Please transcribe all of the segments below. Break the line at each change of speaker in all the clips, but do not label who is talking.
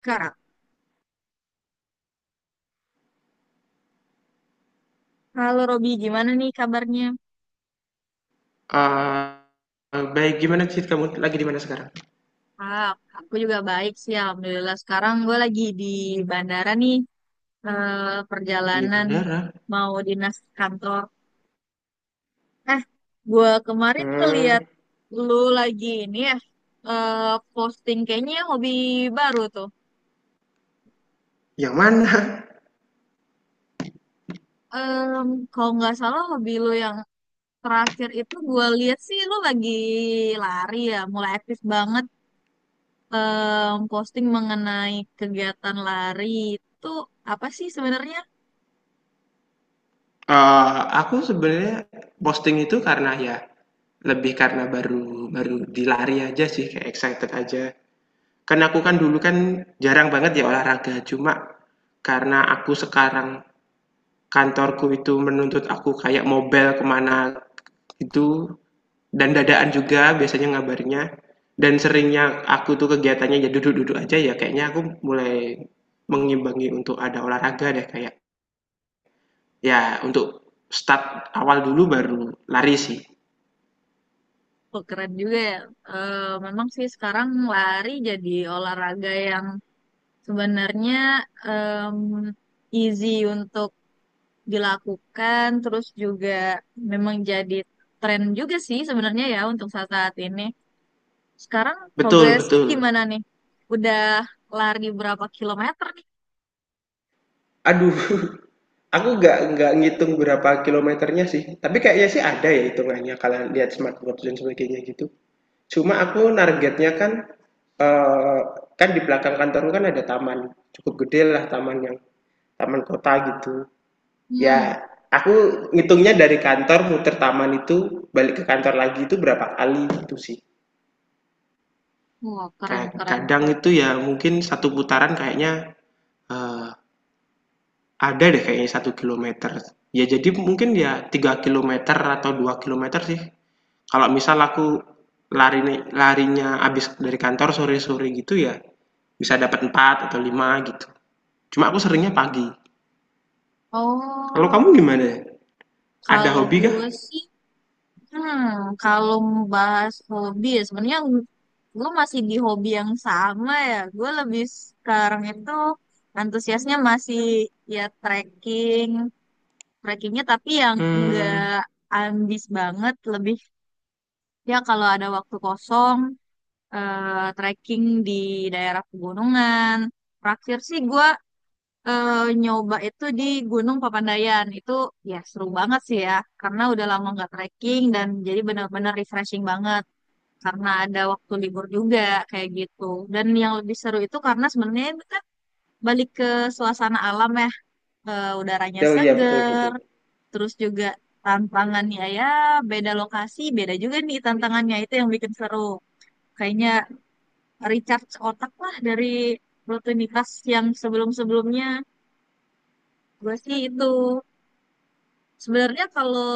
Kak, halo Robi, gimana nih kabarnya?
Baik, gimana sih, kamu lagi di mana sekarang?
Ah, aku juga baik sih, Alhamdulillah. Sekarang gue lagi di bandara nih,
Di
perjalanan
bandara?
mau dinas kantor. Eh, gue kemarin
Mmm,
ngeliat lu lagi ini ya, eh, posting kayaknya hobi baru tuh.
yang mana?
Em, Kalau nggak salah hobi lu yang terakhir itu gue lihat sih lu lagi lari ya, mulai aktif banget. Posting mengenai kegiatan lari itu apa sih sebenarnya?
Aku sebenarnya posting itu karena ya, lebih karena baru baru dilari aja sih, kayak excited aja. Kan aku kan dulu kan jarang banget ya olahraga, cuma karena aku sekarang kantorku itu menuntut aku kayak mobile kemana itu. Dan dadaan juga biasanya ngabarnya dan seringnya aku tuh kegiatannya ya duduk-duduk aja ya, kayaknya aku mulai mengimbangi untuk ada olahraga deh kayak, ya untuk start awal dulu baru lari sih.
Oh, keren juga ya. Eh, Memang sih sekarang lari jadi olahraga yang sebenarnya em, easy untuk dilakukan, terus juga memang jadi tren juga sih sebenarnya ya untuk saat-saat ini. Sekarang
Betul
progresnya
betul.
gimana nih? Udah lari berapa kilometer nih?
Aduh, aku nggak ngitung berapa kilometernya sih, tapi kayaknya sih ada ya hitungannya kalau lihat smartwatch dan sebagainya gitu. Cuma aku targetnya kan, eee, kan di belakang kantorku kan ada taman, cukup gede lah taman yang taman kota gitu. Ya,
Hmm.
aku ngitungnya dari kantor muter taman itu, balik ke kantor lagi itu berapa kali gitu sih.
Wah, keren,
Kayak
keren,
kadang
keren.
itu ya mungkin satu putaran kayaknya eh, ada deh kayaknya satu kilometer. Ya jadi mungkin ya 3 kilometer atau 2 kilometer sih. Kalau misal aku lari larinya abis dari kantor sore-sore gitu ya bisa dapat 4 atau 5 gitu. Cuma aku seringnya pagi. Kalau kamu
Oh.
gimana? Ada
Kalau
hobi kah?
gue sih, hmm, kalau membahas hobi ya sebenarnya gue masih di hobi yang sama ya. Gue lebih sekarang itu antusiasnya masih ya trekking, trekkingnya tapi yang enggak
Hmm.
ambis banget, lebih ya kalau ada waktu kosong trekking di daerah pegunungan. Terakhir sih gue nyoba itu di Gunung Papandayan. Itu ya seru banget sih ya, karena udah lama nggak trekking dan jadi benar-benar refreshing banget. Karena ada waktu libur juga kayak gitu. Dan yang lebih seru itu karena sebenarnya itu kan balik ke suasana alam ya. Udaranya
Oh iya, betul
seger,
betul.
terus juga tantangannya ya beda lokasi, beda juga nih tantangannya itu yang bikin seru. Kayaknya recharge otak lah dari rutinitas yang sebelum-sebelumnya. Gue sih itu. Sebenarnya kalau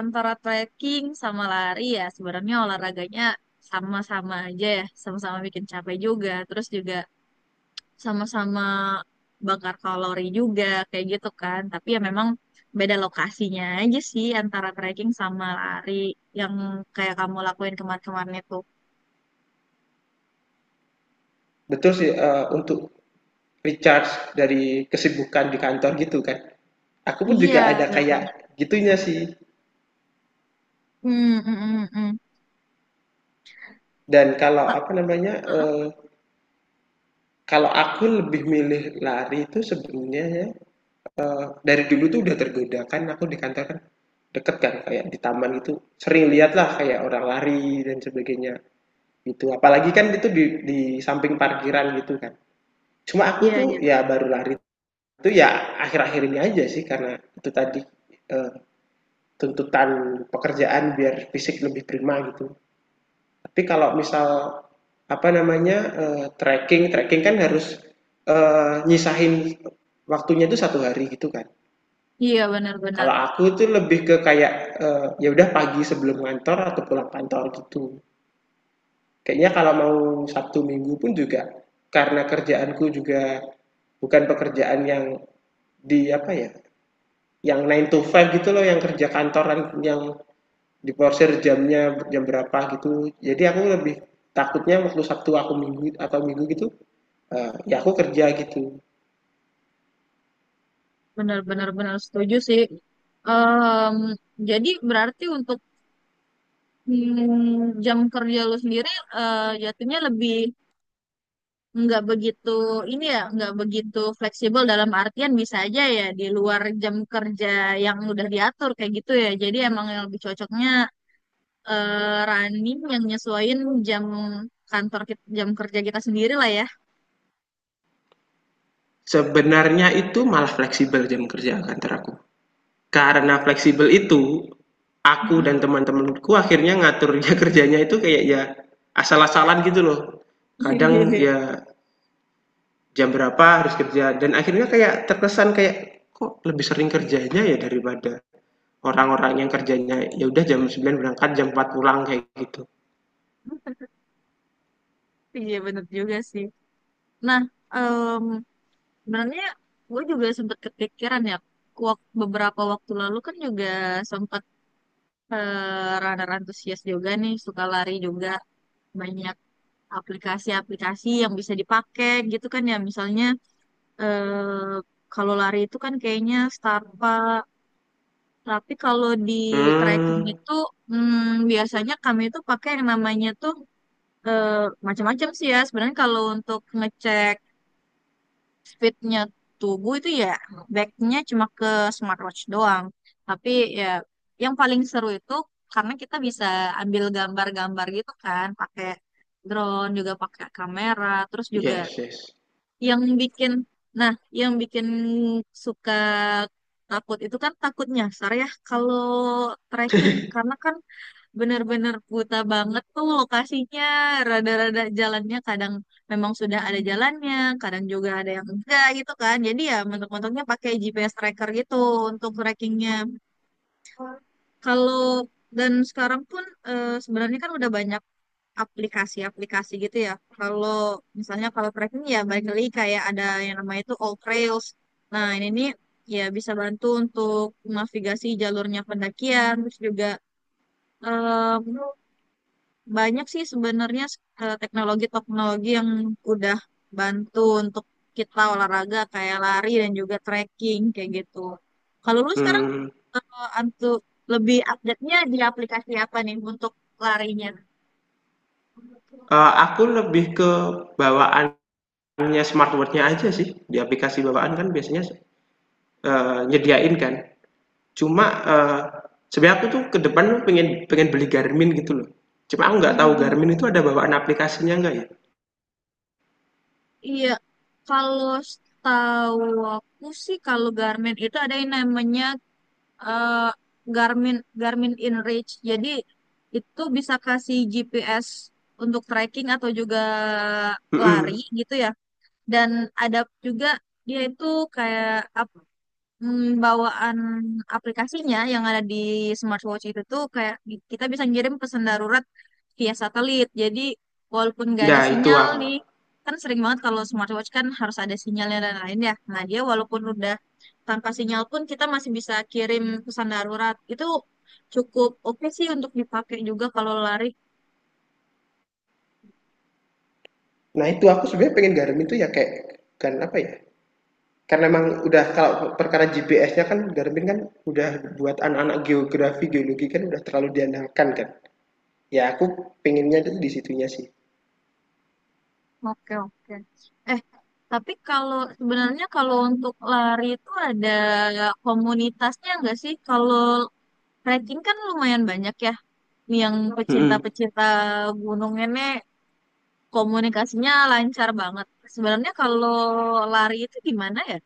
antara trekking sama lari ya sebenarnya olahraganya sama-sama aja ya, sama-sama bikin capek juga, terus juga sama-sama bakar kalori juga kayak gitu kan. Tapi ya memang beda lokasinya aja sih antara trekking sama lari yang kayak kamu lakuin kemarin-kemarin itu.
Betul sih, untuk recharge dari kesibukan di kantor gitu kan. Aku pun
Iya,
juga ada
benar banget.
kayak gitunya sih.
Hmm, hmm, hmm, hmm.
Dan kalau
Ah,
apa namanya,
ah,
kalau aku lebih milih lari itu sebenarnya ya, dari dulu tuh udah tergoda kan, aku di kantor kan deket kan kayak di taman itu sering lihat lah kayak orang lari dan sebagainya gitu. Apalagi kan itu di samping parkiran gitu kan. Cuma aku
Iya,
tuh
iya.
ya baru lari itu ya akhir-akhir ini aja sih karena itu tadi, eee tuntutan pekerjaan biar fisik lebih prima gitu. Tapi kalau misal apa namanya trekking, trekking kan harus nyisahin waktunya itu satu hari gitu kan.
Iya, benar-benar.
Kalau aku tuh lebih ke kayak ya udah pagi sebelum kantor atau pulang kantor gitu. Kayaknya kalau mau Sabtu Minggu pun juga karena kerjaanku juga bukan pekerjaan yang di apa ya, yang nine to five gitu loh, yang kerja kantoran yang diporsir jamnya jam berapa gitu, jadi aku lebih takutnya waktu Sabtu aku minggu atau minggu gitu ya aku kerja gitu.
Benar-benar benar setuju sih. Em, jadi berarti untuk, hmm, jam kerja lu sendiri, jatuhnya lebih nggak begitu ini ya, nggak begitu fleksibel dalam artian bisa aja ya di luar jam kerja yang udah diatur kayak gitu ya, jadi emang yang lebih cocoknya eh, running yang nyesuaiin jam kantor kita, jam kerja kita sendiri lah ya.
Sebenarnya itu malah fleksibel jam kerja kantor aku. Karena fleksibel itu, aku
Mhm.
dan teman-temanku akhirnya ngaturnya kerjanya itu kayak ya asal-asalan gitu loh. Kadang ya jam berapa harus kerja dan akhirnya kayak terkesan kayak kok lebih sering kerjanya ya daripada orang-orang yang kerjanya ya udah jam 9 berangkat, jam 4 pulang kayak gitu.
Iya bener juga sih. Nah, em, sebenarnya gue juga sempat kepikiran ya. Beberapa waktu lalu kan juga sempat runner antusias juga nih, suka lari juga banyak aplikasi-aplikasi yang bisa dipakai gitu kan ya. Misalnya eh, kalau lari itu kan kayaknya Starbucks, tapi kalau di trekking
Hmm,
itu, hmm, biasanya kami itu pakai yang namanya tuh eh, macam-macam sih ya. Sebenarnya kalau untuk ngecek fitnya tubuh itu ya backnya cuma ke smartwatch doang. Tapi ya yang paling seru itu karena kita bisa ambil gambar-gambar gitu kan, pakai drone juga pakai kamera, terus juga
yes yes.
yang bikin, nah yang bikin suka takut itu kan takutnya, Sar, ya kalau trekking karena kan bener-bener buta banget tuh lokasinya, rada-rada jalannya kadang memang sudah ada jalannya, kadang juga ada yang enggak gitu kan, jadi ya mentok-mentoknya pakai GPS tracker gitu untuk trackingnya kalau. Dan sekarang pun sebenarnya kan udah banyak aplikasi-aplikasi gitu ya, kalau misalnya kalau tracking ya balik lagi kayak ada yang namanya itu All Trails, nah ini nih ya bisa bantu untuk navigasi jalurnya pendakian, terus juga banyak sih sebenarnya teknologi-teknologi yang udah bantu untuk kita olahraga kayak lari dan juga trekking kayak gitu. Kalau lu sekarang
Mmm,
eh, antu- lebih update-nya di aplikasi apa nih untuk larinya?
aku lebih ke bawaannya smartwatch-nya aja sih, di aplikasi bawaan kan biasanya, nyediain kan. Cuma, sebenarnya aku tuh ke depan pengen pengen beli Garmin gitu loh. Cuma aku nggak
Hmm,
tahu
hmm, hmm.
Garmin itu ada bawaan aplikasinya nggak ya?
Iya, kalau setahu aku sih kalau Garmin itu ada yang namanya eh, Garmin Garmin InReach. Jadi itu bisa kasih GPS untuk tracking atau juga lari
Mhm.
gitu ya. Dan ada juga dia itu kayak apa, hmm, bawaan aplikasinya yang ada di smartwatch itu tuh kayak kita bisa ngirim pesan darurat via satelit. Jadi walaupun nggak ada
Nah itu
sinyal
aku
nih, kan sering banget kalau smartwatch kan harus ada sinyalnya dan lain ya. Nah dia walaupun udah tanpa sinyal pun kita masih bisa kirim pesan darurat. Itu cukup oke sih untuk dipakai juga kalau lari.
nah itu aku sebenarnya pengen Garmin itu ya kayak, kan apa ya, karena memang udah kalau perkara GPS-nya kan Garmin kan udah buat anak-anak geografi, geologi kan udah terlalu diandalkan kan. Ya aku pengennya itu di situnya sih.
Oke oke. Eh tapi kalau sebenarnya kalau untuk lari itu ada komunitasnya nggak sih? Kalau hiking kan lumayan banyak ya. Yang
Mm-mm.
pecinta-pecinta gunung ini komunikasinya lancar banget. Sebenarnya kalau lari itu gimana ya?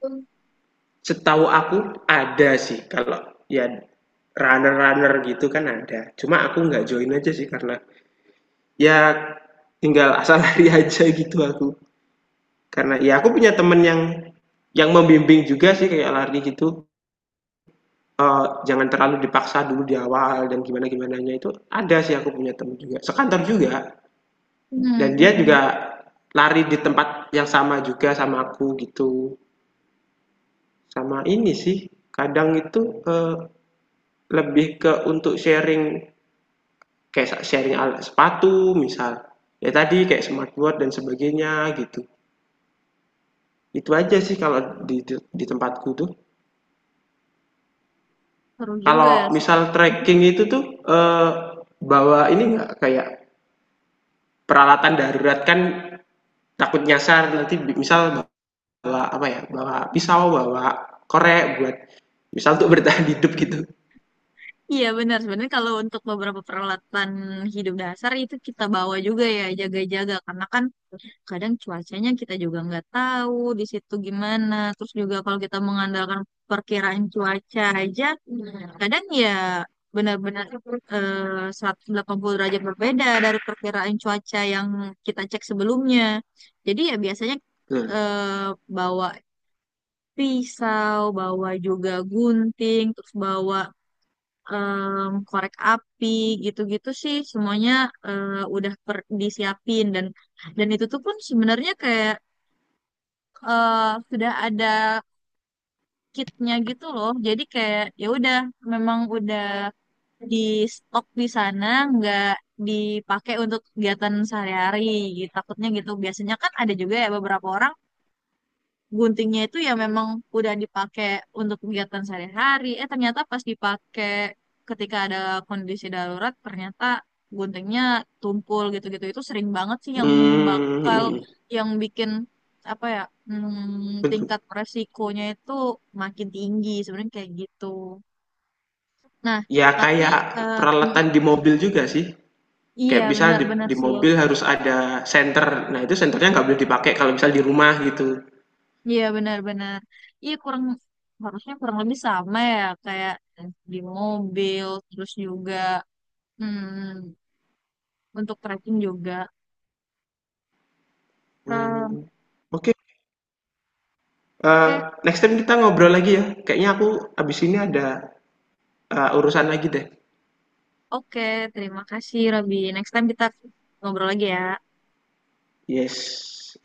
Hmm,
Setahu aku ada sih kalau ya runner-runner gitu kan ada. Cuma aku nggak join aja sih karena ya tinggal asal lari aja gitu aku. Karena ya aku punya temen yang membimbing juga sih kayak lari gitu. Jangan terlalu dipaksa dulu di awal dan gimana gimananya itu ada sih, aku punya temen juga sekantor juga dan dia juga lari di tempat yang sama juga sama aku gitu. Sama ini sih, kadang itu lebih ke untuk sharing, kayak sharing alat sepatu misal, ya tadi kayak smartboard dan sebagainya gitu, itu aja sih kalau di tempatku tuh.
seru juga ya.
Kalau
Se-
misal trekking itu tuh bawa ini nggak kayak peralatan darurat kan, takut nyasar nanti misal bawa apa ya, bawa pisau, bawa korek buat misal untuk bertahan hidup gitu.
Iya benar. Sebenarnya kalau untuk beberapa peralatan hidup dasar itu kita bawa juga ya jaga-jaga. Karena kan kadang cuacanya kita juga nggak tahu di situ gimana. Terus juga kalau kita mengandalkan perkiraan cuaca aja, kadang ya benar-benar 180 derajat berbeda dari perkiraan cuaca yang kita cek sebelumnya. Jadi ya biasanya
Nah.
eh, bawa pisau, bawa juga gunting, terus bawa korek api gitu-gitu sih semuanya eh, udah disiapin dan itu tuh pun sebenarnya kayak eh, sudah ada kitnya gitu loh. Jadi kayak ya udah memang udah di stok di sana, nggak dipakai untuk kegiatan sehari-hari gitu. Takutnya gitu. Biasanya kan ada juga ya beberapa orang guntingnya itu ya memang udah dipakai untuk kegiatan sehari-hari. Eh ternyata pas dipakai ketika ada kondisi darurat, ternyata guntingnya tumpul gitu-gitu. Itu sering banget sih yang
Hmm,
bakal
hmm.
yang bikin apa ya, hmm, tingkat resikonya itu makin tinggi sebenarnya kayak gitu. Nah,
Ya
tapi
kayak
eh, mm,
peralatan di mobil juga sih.
iya
Kayak misal di,
benar-benar
di
sih.
mobil harus ada senter. Nah itu senternya nggak boleh dipakai kalau misal di rumah gitu.
Iya benar-benar. Iya kurang, harusnya kurang lebih sama ya kayak di mobil terus juga, hmm, untuk tracking juga. Hmm.
Hmm. Oke. Eh,
Oke,
Next time kita ngobrol lagi ya. Kayaknya aku abis ini ada urusan lagi deh.
oke. Terima kasih, Robby. Next time kita ngobrol lagi ya.
Yes.